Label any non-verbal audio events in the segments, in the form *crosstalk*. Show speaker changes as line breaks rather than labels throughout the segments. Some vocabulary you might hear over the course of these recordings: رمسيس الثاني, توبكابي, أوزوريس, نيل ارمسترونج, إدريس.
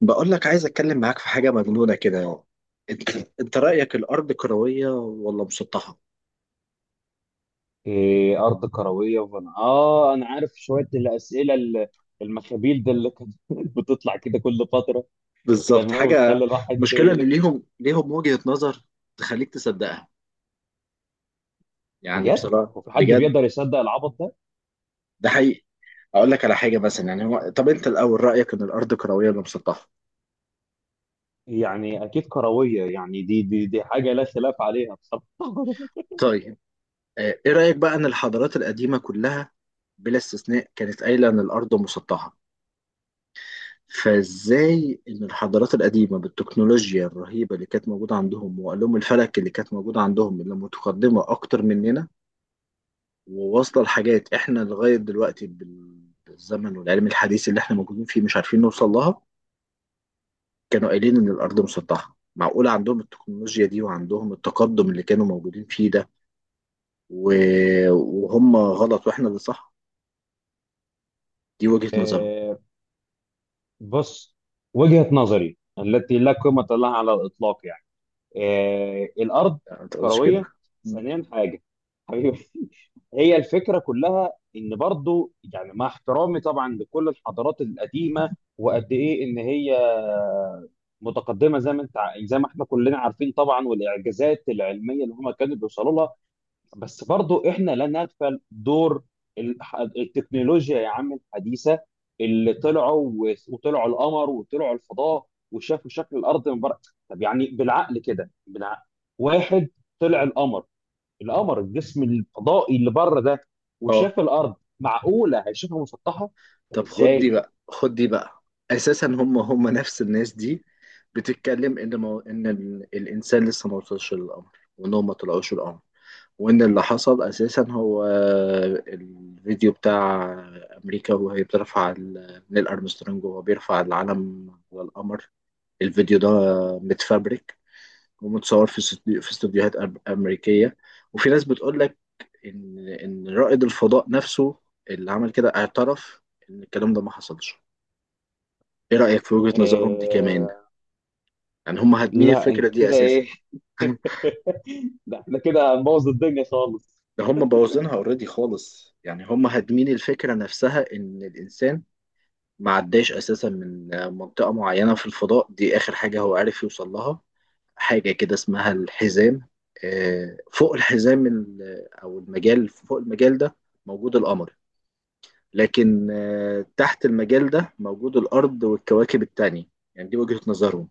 بقول لك عايز اتكلم معاك في حاجه مجنونه كده يعني. انت انت رايك الارض كرويه ولا مسطحه؟
إيه أرض كروية وفن. أنا عارف شوية الأسئلة المخابيل ده اللي كانت *laughs* بتطلع كده كل فترة.
بالظبط،
تمام،
حاجه.
وتخلي الواحد
مشكله ان
يلف.
ليهم وجهه نظر تخليك تصدقها، يعني
بجد؟
بصراحه
وفي حد
بجد.
بيقدر يصدق العبط ده؟
ده حقيقي. اقول لك على حاجه مثلا، يعني هو طب انت الاول رايك ان الارض كرويه ولا مسطحه؟
يعني أكيد كروية، يعني دي حاجة لا خلاف عليها بصراحة. *laughs*
طيب. ايه رايك بقى ان الحضارات القديمه كلها بلا استثناء كانت قايله ان الارض مسطحه؟ فازاي ان الحضارات القديمه بالتكنولوجيا الرهيبه اللي كانت موجوده عندهم، وعلوم الفلك اللي كانت موجوده عندهم اللي متقدمه اكتر مننا، وواصله لحاجات احنا لغايه دلوقتي بالزمن والعلم الحديث اللي احنا موجودين فيه مش عارفين نوصل لها، كانوا قايلين ان الارض مسطحه. معقول عندهم التكنولوجيا دي وعندهم التقدم اللي كانوا موجودين فيه ده، وهم غلط واحنا اللي صح؟ دي وجهه نظرهم.
إيه، بص، وجهة نظري التي لا قيمة لها على الإطلاق يعني. الارض
لا، ما تقولش كده.
كرويه.
م.
ثانيا حاجه حبيبي. *laughs* هي الفكره كلها ان برضو يعني مع احترامي طبعا لكل الحضارات القديمه، وقد ايه ان هي متقدمه زي ما زي ما احنا كلنا عارفين طبعا، والاعجازات العلميه اللي هم كانوا بيوصلوا لها. بس برضو احنا لا نغفل دور التكنولوجيا يا عم الحديثة، اللي طلعوا وطلعوا القمر وطلعوا الفضاء وشافوا شكل الارض من بره. طب يعني بالعقل كده، بالعقل، واحد طلع القمر، القمر الجسم الفضائي اللي بره ده،
اه،
وشاف الارض، معقولة هيشوفها مسطحة؟ طب
طب خد دي
ازاي؟
بقى، خد دي بقى. اساسا هم نفس الناس دي بتتكلم ان ان الانسان لسه ما وصلش للقمر، وانهم ما طلعوش القمر، وان اللي حصل اساسا هو الفيديو بتاع امريكا وهي بترفع نيل ارمسترونج وهو بيرفع العلم على القمر. الفيديو ده متفبرك ومتصور في في استوديوهات امريكيه. وفي ناس بتقول لك ان رائد الفضاء نفسه اللي عمل كده اعترف ان الكلام ده ما حصلش. ايه رأيك في وجهة نظرهم دي كمان؟
آه...
يعني هم هادمين
لا انت
الفكرة دي
كده
اساسا.
ايه.
*laughs*
*laughs* ده احنا كده هنبوظ الدنيا خالص.
ده هم بوظينها اوريدي خالص، يعني هم هادمين الفكرة نفسها. ان الانسان ما عداش اساسا من منطقة معينة في الفضاء، دي اخر حاجة هو عارف يوصل لها. حاجة كده اسمها الحزام. فوق الحزام او المجال، فوق المجال ده موجود القمر، لكن تحت المجال ده موجود الارض والكواكب التانية. يعني دي وجهة نظرهم.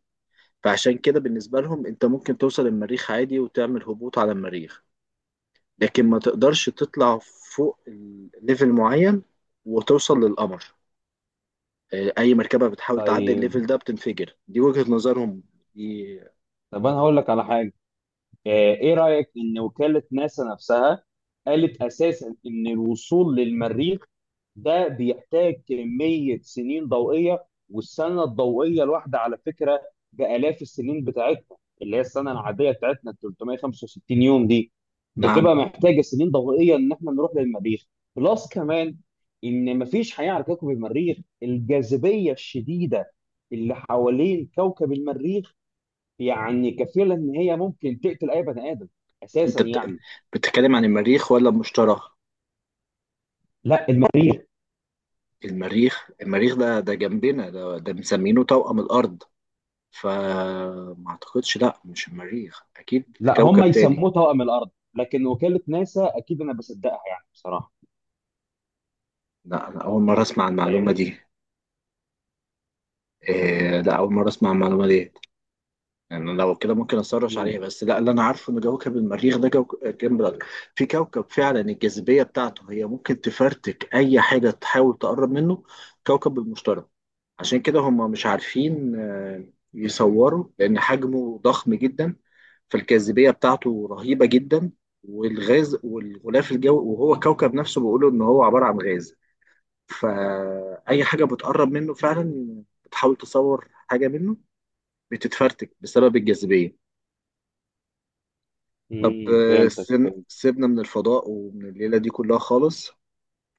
فعشان كده بالنسبة لهم انت ممكن توصل المريخ عادي وتعمل هبوط على المريخ، لكن ما تقدرش تطلع فوق ليفل معين وتوصل للقمر. اي مركبة بتحاول تعدي
طيب،
الليفل ده بتنفجر. دي وجهة نظرهم دي.
طب انا هقول لك على حاجة. ايه رأيك ان وكالة ناسا نفسها قالت اساسا ان الوصول للمريخ ده بيحتاج كمية سنين ضوئية، والسنة الضوئية الواحدة على فكرة بآلاف السنين بتاعتنا، اللي هي السنة العادية بتاعتنا ال 365 يوم دي،
نعم.
بتبقى محتاجة سنين ضوئية ان احنا نروح للمريخ. بلس كمان ان مفيش حياة على كوكب المريخ، الجاذبية الشديدة اللي حوالين كوكب المريخ يعني كفيله ان هي ممكن تقتل اي بني ادم
انت
اساسا يعني.
بتتكلم عن المريخ ولا المشتري؟
لا المريخ.
المريخ، المريخ ده ده جنبنا، ده ده مسمينه توأم الأرض. فما اعتقدش، لا مش المريخ، اكيد
لا هم
كوكب تاني.
يسموه طاقم الارض، لكن وكاله ناسا اكيد انا بصدقها يعني بصراحه،
لا انا اول مرة اسمع المعلومة
فاهمني؟
دي. إيه، لا أول مرة أسمع المعلومة دي. يعني لو كده ممكن أسرش
م-
عليها، بس لا اللي أنا عارفه إن كوكب المريخ ده جنب الأرض. في كوكب فعلا الجاذبية بتاعته هي ممكن تفرتك أي حاجة تحاول تقرب منه، كوكب المشتري. عشان كده هم مش عارفين يصوروا، لأن حجمه ضخم جدا، فالجاذبية بتاعته رهيبة جدا. والغاز والغلاف الجوي، وهو كوكب نفسه بيقولوا إن هو عبارة عن غاز. فأي حاجة بتقرب منه فعلا بتحاول تصور حاجة منه بتتفرتك بسبب الجاذبية. طب
فهمتك، فهمت.
سيبنا من الفضاء ومن الليلة دي كلها خالص،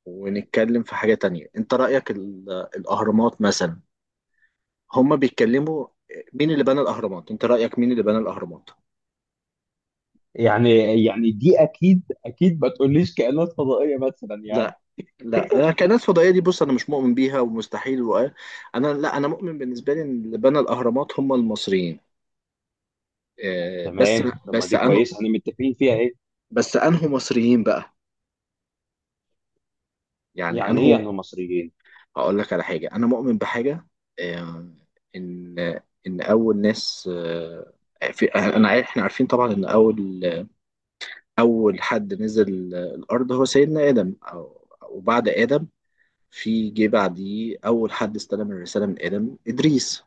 ونتكلم في حاجة تانية. انت رأيك الأهرامات مثلا، هما بيتكلموا مين اللي بنى الأهرامات، انت رأيك مين اللي بنى الأهرامات؟
يعني، يعني دي اكيد اكيد ما تقوليش كائنات فضائيه مثلا يعني.
لا، لا انا كناس فضائيه دي، بص انا مش مؤمن بيها ومستحيل، وقال. انا لا، انا مؤمن بالنسبه لي ان اللي بنى الاهرامات هم المصريين، آه، بس
تمام، طب ما
بس
دي
انه.
كويسه، احنا متفقين فيها. ايه
بس انه مصريين بقى، يعني
يعني، ايه
انه.
يعني مصريين؟
هقول لك على حاجة، أنا مؤمن بحاجة، آه، إن أول ناس في، أنا عارف، إحنا عارفين طبعا إن أول حد نزل الأرض هو سيدنا آدم، أو وبعد آدم في جه بعديه أول حد استلم الرسالة من آدم إدريس.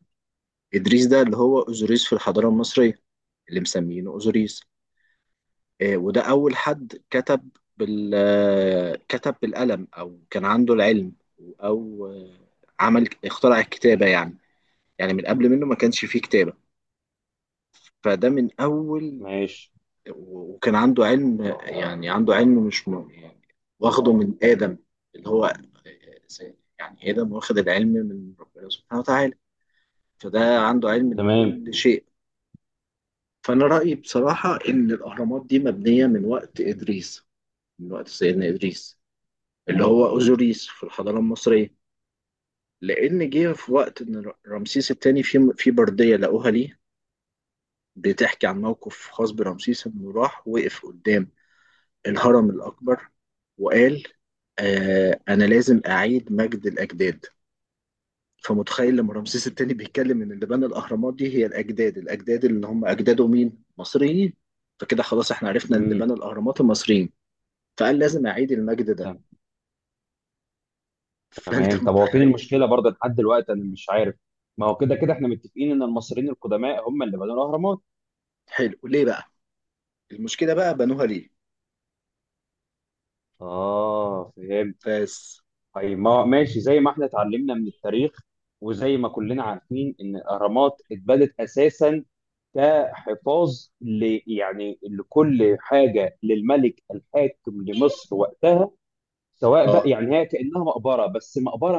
إدريس ده اللي هو أوزوريس في الحضارة المصرية، اللي مسمينه أوزوريس. وده أول حد كتب بال آه، كتب بالقلم، أو كان عنده العلم، أو آه، عمل اخترع الكتابة يعني. يعني من قبل منه ما كانش فيه كتابة، فده من أول.
ماشي.
وكان عنده علم، يعني عنده علم مش يعني، واخده من آدم اللي هو، يعني آدم واخد العلم من ربنا سبحانه وتعالى، فده عنده علم
تمام.
لكل شيء. فأنا رأيي بصراحة إن الأهرامات دي مبنية من وقت إدريس، من وقت سيدنا إدريس اللي هو أوزوريس في الحضارة المصرية. لأن جه في وقت إن رمسيس الثاني، في بردية لقوها ليه بتحكي عن موقف خاص برمسيس انه راح وقف قدام الهرم الاكبر وقال: آه انا لازم اعيد مجد الاجداد. فمتخيل لما رمسيس التاني بيتكلم ان اللي بنى الاهرامات دي هي الاجداد، الاجداد اللي هم اجداده مين؟ مصريين. فكده خلاص احنا عرفنا اللي
امم
بنى الاهرامات المصريين. فقال لازم اعيد المجد ده.
تمام.
فانت
طب هو فين
متخيل.
المشكله برضه لحد دلوقتي انا مش عارف؟ ما هو كده كده احنا متفقين ان المصريين القدماء هم اللي بنوا الاهرامات.
حلو، ليه بقى؟ المشكله بقى بنوها ليه؟
اه فهمتك.
فاس.
طيب، ما ماشي، زي ما احنا اتعلمنا من التاريخ وزي ما كلنا عارفين ان الاهرامات اتبنت اساسا كحفاظ ل، يعني لكل حاجه، للملك الحاكم لمصر وقتها، سواء بقى
اه،
يعني هي كانها مقبره، بس مقبره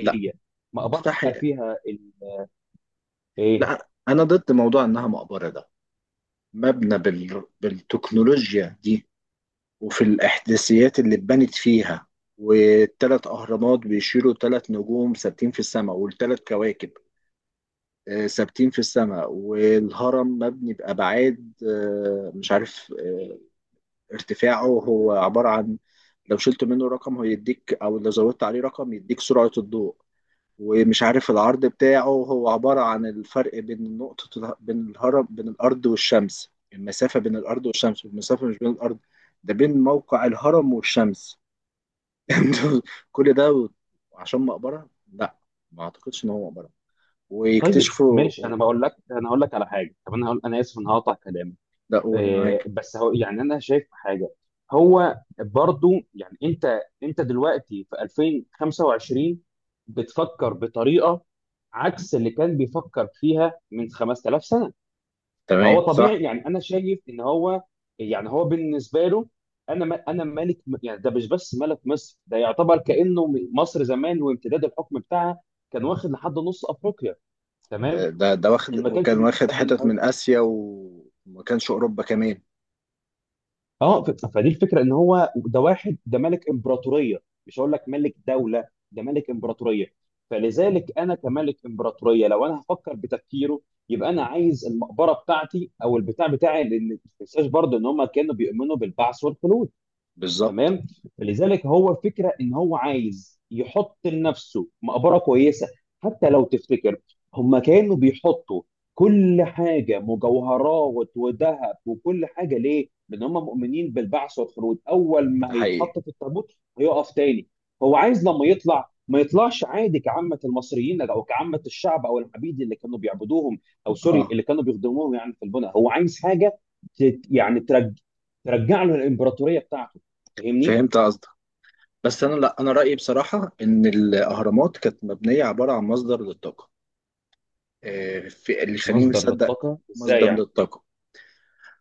لا
مقبره بقى
مستحيل.
فيها ايه.
لا انا ضد موضوع انها مقبره ده. مبنى بالتكنولوجيا دي، وفي الإحداثيات اللي اتبنت فيها، والتلات أهرامات بيشيلوا تلات نجوم ثابتين في السماء والتلات كواكب ثابتين في السماء. والهرم مبني بأبعاد، مش عارف، ارتفاعه هو عبارة عن لو شلت منه رقم هو يديك، أو لو زودت عليه رقم يديك سرعة الضوء. ومش عارف العرض بتاعه هو عبارة عن الفرق بين نقطة بين الهرم، بين الأرض والشمس، المسافة بين الأرض والشمس، والمسافة مش بين الأرض، ده بين موقع الهرم والشمس. *laughs* كل ده عشان مقبرة؟ لا، ما أعتقدش إن هو مقبرة،
طيب
ويكتشفوا
ماشي، انا بقول لك، انا هقول لك على حاجه. طب انا هقول، انا اسف ان هقطع كلامك.
لا قول، أنا
إيه
معاك.
بس هو يعني انا شايف حاجه. هو برضو يعني انت دلوقتي في 2025 بتفكر بطريقه عكس اللي كان بيفكر فيها من 5000 سنه. فهو
تمام، صح.
طبيعي، يعني انا شايف ان هو، يعني هو بالنسبه له، انا ملك. يعني ده مش بس ملك مصر، ده يعتبر كانه مصر زمان، وامتداد الحكم بتاعها كان واخد لحد نص افريقيا، تمام،
ده واخد،
ما كانش
وكان
في
واخد
البلاد اللي
حتت
حواليه.
من آسيا، وما كانش أوروبا كمان.
اه، فدي الفكره ان هو ده واحد، ده ملك امبراطوريه، مش هقول لك ملك دوله، ده ملك امبراطوريه. فلذلك انا كملك امبراطوريه لو انا هفكر بتفكيره، يبقى انا عايز المقبره بتاعتي او البتاع بتاعي، لان ما تنساش برضه ان هم كانوا بيؤمنوا بالبعث والخلود.
بالظبط.
تمام. فلذلك هو فكره ان هو عايز يحط لنفسه مقبره كويسه. حتى لو تفتكر، هم كانوا بيحطوا كل حاجه، مجوهرات وذهب وكل حاجه، ليه؟ لان هم مؤمنين بالبعث والخلود. اول
ده
ما
حقيقي.
هيتحط في التابوت هيقف تاني. هو عايز لما يطلع ما يطلعش عادي كعامة المصريين او كعامة الشعب او العبيد اللي كانوا بيعبدوهم، او سوري،
اه،
اللي كانوا بيخدموهم يعني في البناء. هو عايز حاجة تت- يعني ترج... ترجع له الامبراطورية بتاعته، فاهمني؟
فهمت. بس انا لا، انا رايي بصراحه ان الاهرامات كانت مبنيه عباره عن مصدر للطاقه. في اللي يخليني
مصدر
مصدق.
للطاقه ازاي
مصدر
يعني؟
للطاقه.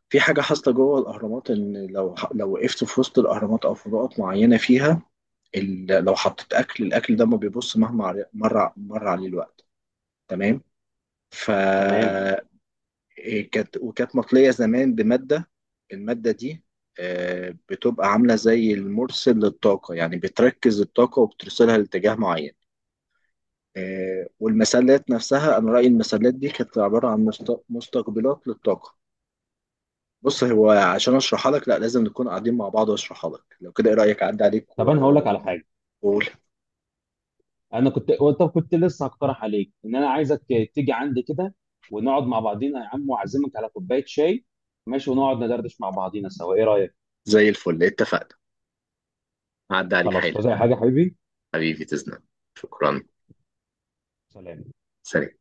في حاجه حاصله جوه الاهرامات ان لو وقفت في وسط الاهرامات او في نقط معينه فيها، لو حطيت اكل، الاكل ده ما بيبص مهما مر عليه الوقت. تمام. ف،
تمام،
إيه كانت، وكانت مطليه زمان بماده، الماده دي بتبقى عامله زي المرسل للطاقه، يعني بتركز الطاقه وبترسلها لاتجاه معين. والمسلات نفسها، انا رايي المسلات دي كانت عباره عن مستقبلات للطاقه. بص هو عشان اشرحها لك لا، لازم نكون قاعدين مع بعض واشرحها لك. لو كده ايه رايك اعدي عليك؟
طب انا هقول لك على حاجه.
وقول.
انا كنت، طب كنت لسه هقترح عليك ان انا عايزك تيجي عندي كده ونقعد مع بعضينا يا عم، واعزمك على كوبايه شاي، ماشي، ونقعد ندردش مع بعضينا سوا، ايه رايك؟
زي الفل، اتفقنا. هعدي عليك
خلاص،
حالا.
عايز اي حاجه يا حبيبي.
حبيبي تسلم. شكرا.
سلام.
سلام.